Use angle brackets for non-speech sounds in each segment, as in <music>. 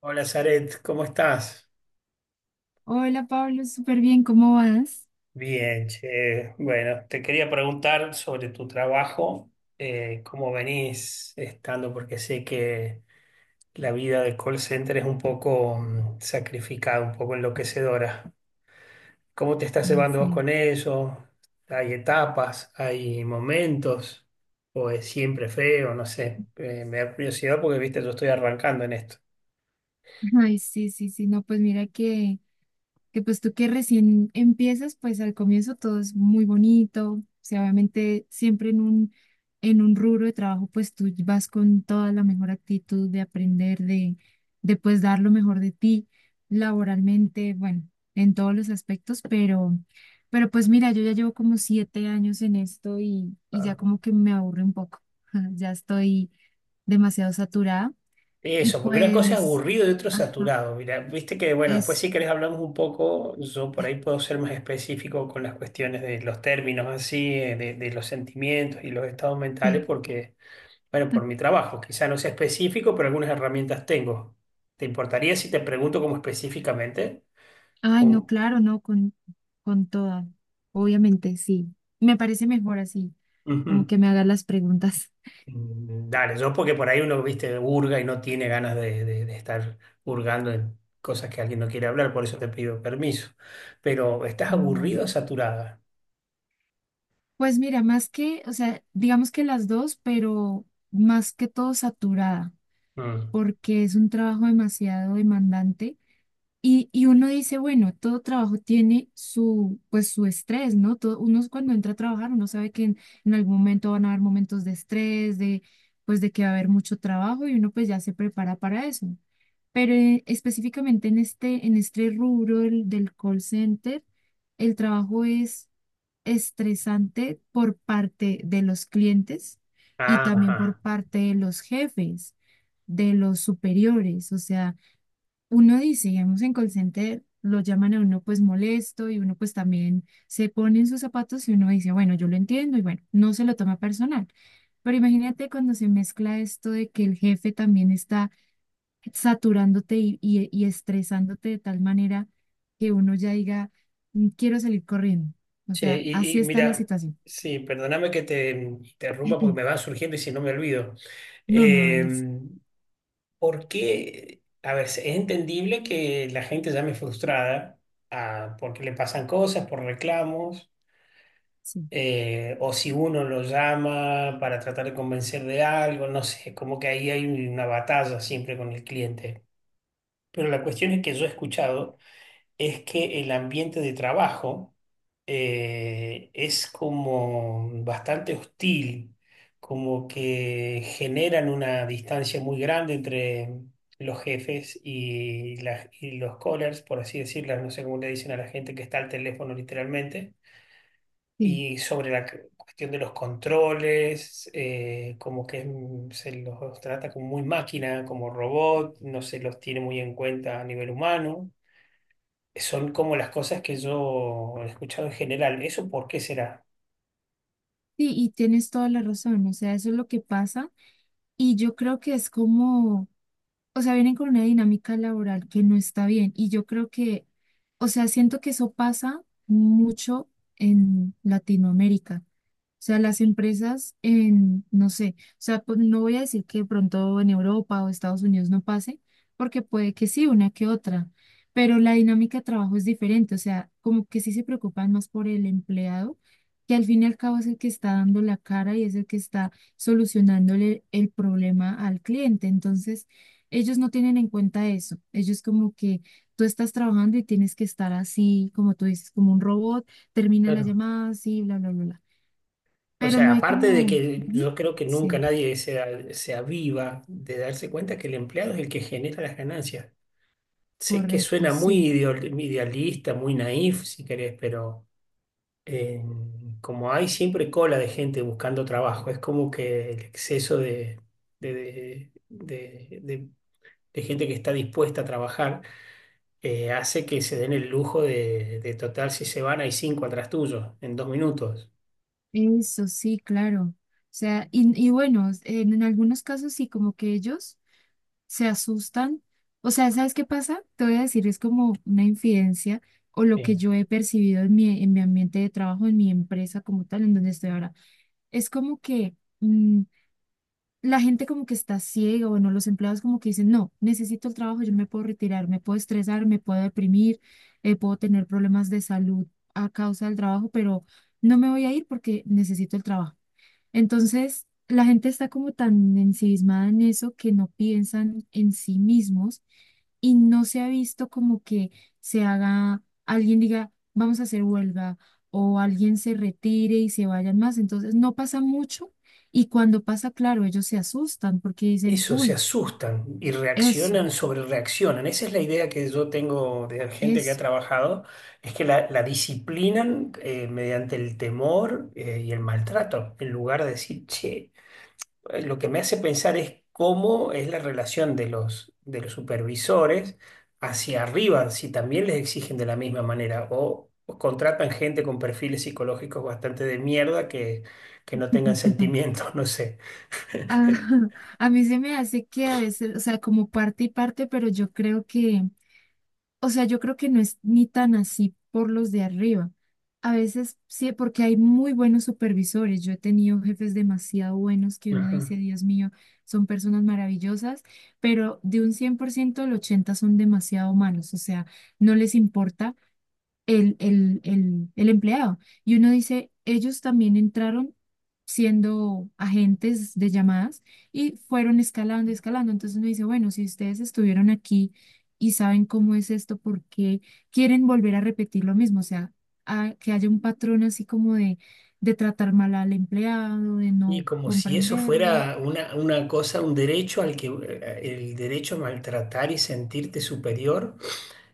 Hola, Zaret, ¿cómo estás? Hola Pablo, súper bien, ¿cómo vas? Bien, che. Bueno, te quería preguntar sobre tu trabajo, cómo venís estando, porque sé que la vida de call center es un poco sacrificada, un poco enloquecedora. ¿Cómo te estás Ah, llevando vos sí. con eso? ¿Hay etapas, hay momentos, o es siempre feo? No sé. Me da curiosidad porque, viste, yo estoy arrancando en esto. Ay, sí, sí, sí, no, pues mira que pues tú que recién empiezas, pues al comienzo todo es muy bonito, o sea, obviamente siempre en un rubro de trabajo, pues tú vas con toda la mejor actitud de aprender, de pues dar lo mejor de ti laboralmente, bueno, en todos los aspectos, pero pues mira, yo ya llevo como 7 años en esto y ya como que me aburre un poco, <laughs> ya estoy demasiado saturada y Eso, porque una cosa es pues, aburrido y otro ajá, saturado. Mira, viste que, bueno, después si eso, querés hablamos un poco, yo por ahí puedo ser más específico con las cuestiones de los términos así, de los sentimientos y los estados mentales, sí. porque, bueno, por mi trabajo, quizá no sea específico, pero algunas herramientas tengo. ¿Te importaría si te pregunto como específicamente? Ay, no, Como- claro, no, con toda, obviamente, sí. Me parece mejor así, como Ujú. que me hagas las preguntas. <laughs> Dale, yo porque por ahí uno, viste, hurga y no tiene ganas de, de estar hurgando en cosas que alguien no quiere hablar, por eso te pido permiso. Pero, ¿estás No, dale. aburrido o saturada? Pues mira, más que, o sea, digamos que las dos, pero más que todo saturada, Mm. porque es un trabajo demasiado demandante. Y uno dice, bueno, todo trabajo tiene su, pues, su estrés, ¿no? Todo, uno es cuando entra a trabajar, uno sabe que en algún momento van a haber momentos de estrés, de, pues, de que va a haber mucho trabajo y uno pues ya se prepara para eso. Pero específicamente en este rubro del call center, el trabajo es estresante por parte de los clientes y también por Ajá. parte de los jefes, de los superiores. O sea, uno dice, digamos, en call center lo llaman a uno pues molesto y uno pues también se pone en sus zapatos y uno dice, bueno, yo lo entiendo y bueno, no se lo toma personal. Pero imagínate cuando se mezcla esto de que el jefe también está saturándote y, y estresándote de tal manera que uno ya diga, "Mm, quiero salir corriendo". O Che, sea, y así está la mira, situación. sí, perdóname que te interrumpa porque me van <clears throat> surgiendo y si no me olvido. No, no, Eh, Alex. ¿Por qué? A ver, es entendible que la gente llame frustrada, porque le pasan cosas, por reclamos. Sí, O si uno lo llama para tratar de convencer de algo, no sé, como que ahí hay una batalla siempre con el cliente. Pero la cuestión es que yo he escuchado es que el ambiente de trabajo es como bastante hostil, como que generan una distancia muy grande entre los jefes y, y los callers, por así decirlo, no sé cómo le dicen a la gente que está al teléfono literalmente, sí. y sobre la cuestión de los controles, como que se los trata como muy máquina, como robot, no se los tiene muy en cuenta a nivel humano. Son como las cosas que yo he escuchado en general. ¿Eso por qué será? Sí, y tienes toda la razón. O sea, eso es lo que pasa. Y yo creo que es como... O sea, vienen con una dinámica laboral que no está bien. Y yo creo que, o sea, siento que eso pasa mucho en Latinoamérica. O sea, las empresas en, no sé, o sea, pues, no voy a decir que de pronto en Europa o Estados Unidos no pase, porque puede que sí, una que otra, pero la dinámica de trabajo es diferente, o sea, como que sí se preocupan más por el empleado, que al fin y al cabo es el que está dando la cara y es el que está solucionándole el problema al cliente. Entonces, ellos no tienen en cuenta eso. Ellos como que tú estás trabajando y tienes que estar así, como tú dices, como un robot, termina la Claro. llamada así, bla, bla, bla, bla. O Pero no sea, hay aparte de como... que Ujú. yo creo que nunca Sí, nadie se, se aviva de darse cuenta que el empleado es el que genera las ganancias. Sé que correcto, suena muy sí. Idealista, muy naif, si querés, pero... eh, como hay siempre cola de gente buscando trabajo, es como que el exceso de, de- de- de- de- de gente que está dispuesta a trabajar hace que se den el lujo de total, si se van, hay cinco atrás tuyo en dos minutos. Eso sí, claro. O sea, y bueno, en algunos casos sí, como que ellos se asustan. O sea, ¿sabes qué pasa? Te voy a decir, es como una infidencia o lo que Eh, yo he percibido en mi ambiente de trabajo, en mi empresa como tal, en donde estoy ahora. Es como que... mm, la gente como que está ciega, bueno, los empleados como que dicen, no, necesito el trabajo, yo no me puedo retirar, me puedo estresar, me puedo deprimir, puedo tener problemas de salud a causa del trabajo, pero no me voy a ir porque necesito el trabajo. Entonces, la gente está como tan ensimismada en eso que no piensan en sí mismos y no se ha visto como que se haga, alguien diga, vamos a hacer huelga o alguien se retire y se vayan más. Entonces, no pasa mucho y cuando pasa, claro, ellos se asustan porque dicen, Eso, se uy, asustan y eso, reaccionan, sobre reaccionan. Esa es la idea que yo tengo de gente que ha eso. trabajado, es que la disciplinan mediante el temor y el maltrato, en lugar de decir, che. Lo que me hace pensar es cómo es la relación de los supervisores hacia arriba, si también les exigen de la misma manera o contratan gente con perfiles psicológicos bastante de mierda que no tengan <laughs> sentimientos, <laughs> no sé. Ah, <laughs> a mí se me hace que a veces, o sea, como parte y parte, pero yo creo que... O sea, yo creo que no es ni tan así por los de arriba. A veces sí, porque hay muy buenos supervisores. Yo he tenido jefes demasiado buenos que uno dice, Ajá. Dios mío, son personas maravillosas, pero de un 100% el 80 son demasiado malos. O sea, no les importa el empleado. Y uno dice, ellos también entraron siendo agentes de llamadas y fueron escalando, escalando. Entonces uno dice, bueno, si ustedes estuvieron aquí y saben cómo es esto, ¿por qué quieren volver a repetir lo mismo? O sea, que haya un patrón así como de tratar mal al empleado, de Y no como si eso comprenderlo. fuera una cosa, un derecho al que el derecho a maltratar y sentirte superior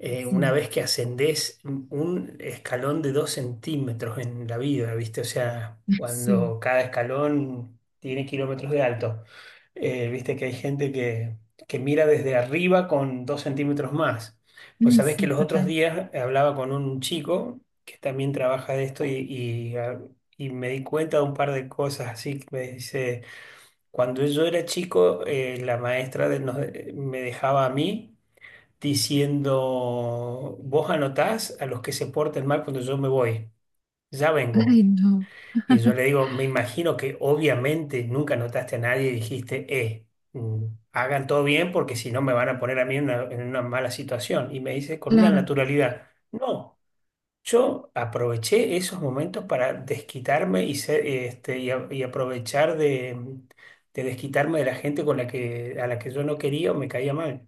una Sí, vez que ascendés un escalón de dos centímetros en la vida, ¿viste? O sea, <laughs> sí, cuando cada escalón tiene kilómetros de alto. ¿Viste? Que hay gente que mira desde arriba con dos centímetros más. Pues ay, sabés que sí, los otros total. días hablaba con un chico que también trabaja de esto y, y me di cuenta de un par de cosas así que me dice, cuando yo era chico, la me dejaba a mí diciendo, vos anotás a los que se porten mal cuando yo me voy, ya Ay, vengo. no, Y yo le digo, me imagino que obviamente nunca anotaste a nadie y dijiste, mm, hagan todo bien porque si no me van a poner a mí en una mala situación. Y me dice con una claro. naturalidad, no, yo aproveché esos momentos para desquitarme y, ser, este, y, y aprovechar de desquitarme de la gente con la que, a la que yo no quería o me caía mal.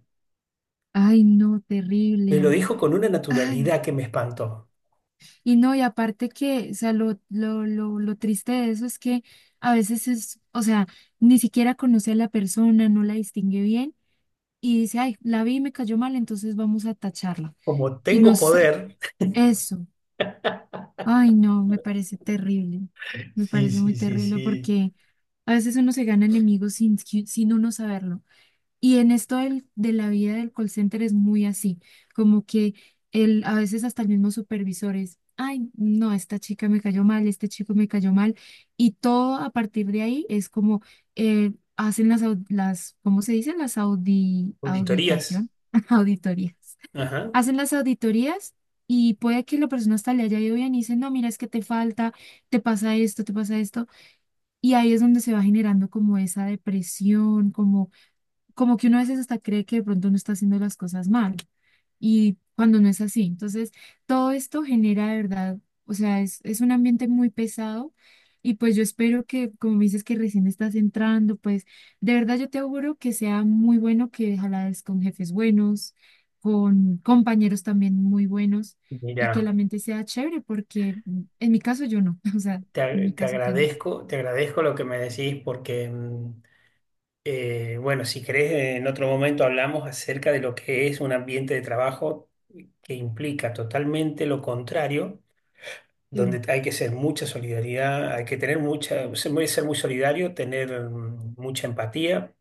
Ay, no, Me lo terrible. dijo con una Ay. naturalidad que me espantó. Y no, y aparte que, o sea, lo triste de eso es que a veces es, o sea, ni siquiera conoce a la persona, no la distingue bien y dice, ay, la vi y me cayó mal, entonces vamos a tacharla. Como Y tengo nos, poder, eso, ay, no, me parece terrible, me sí, parece muy sí, sí, terrible sí, porque a veces uno se gana enemigos sin, sin uno saberlo. Y en esto de la vida del call center es muy así, como que el, a veces hasta el mismo supervisor es, ay, no, esta chica me cayó mal, este chico me cayó mal, y todo a partir de ahí es como hacen las, las, ¿cómo se dice? Las auditorías. auditación, <laughs> auditorías. Ajá. Hacen las auditorías y puede que la persona hasta le haya ido bien y dice, no, mira, es que te falta, te pasa esto, y ahí es donde se va generando como esa depresión, como como que uno a veces hasta cree que de pronto uno está haciendo las cosas mal y cuando no es así. Entonces, todo esto genera de verdad, o sea, es un ambiente muy pesado y pues yo espero que, como me dices que recién estás entrando, pues de verdad yo te auguro que sea muy bueno, que ojalá es con jefes buenos, con compañeros también muy buenos y que Mira, la mente sea chévere, porque mm, en mi caso yo no, <laughs> o sea, te, en mi caso tenaz. Te agradezco lo que me decís porque, bueno, si querés, en otro momento hablamos acerca de lo que es un ambiente de trabajo que implica totalmente lo contrario, Sí. donde hay que ser mucha solidaridad, hay que tener mucha, ser muy, ser muy solidario, tener mucha empatía,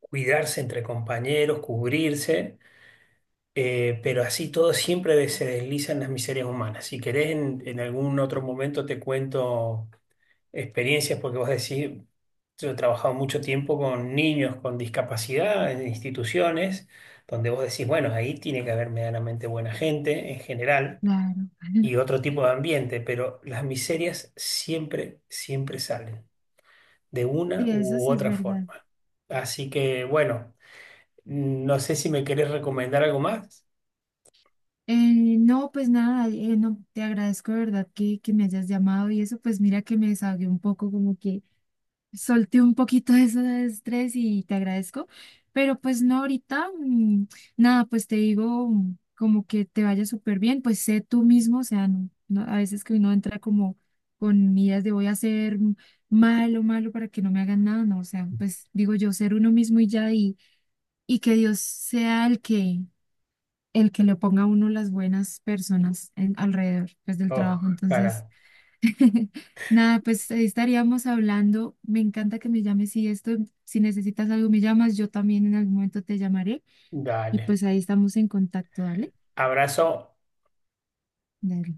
cuidarse entre compañeros, cubrirse. Pero así todo siempre se deslizan las miserias humanas. Si querés, en algún otro momento te cuento experiencias, porque vos decís, yo he trabajado mucho tiempo con niños con discapacidad en instituciones, donde vos decís, bueno, ahí tiene que haber medianamente buena gente en general Claro. y <laughs> otro tipo de ambiente, pero las miserias siempre, siempre salen, de una Sí, eso u sí es otra verdad. forma. Así que, bueno, no sé si me querés recomendar algo más. No, pues nada, no, te agradezco de verdad que me hayas llamado y eso, pues mira que me desahogué un poco, como que solté un poquito <laughs> de ese estrés y te agradezco, pero pues no, ahorita, nada, pues te digo como que te vaya súper bien, pues sé tú mismo, o sea, no, no, a veces que uno entra como con ideas de voy a ser malo, malo para que no me hagan nada, no, o sea, pues digo yo, ser uno mismo y ya, y que Dios sea el que le ponga a uno las buenas personas alrededor, pues del trabajo. Entonces, Ojalá. <laughs> nada, pues ahí estaríamos hablando. Me encanta que me llames si esto, si necesitas algo, me llamas. Yo también en algún momento te llamaré y Dale. pues ahí estamos en contacto. Dale, Abrazo. dale.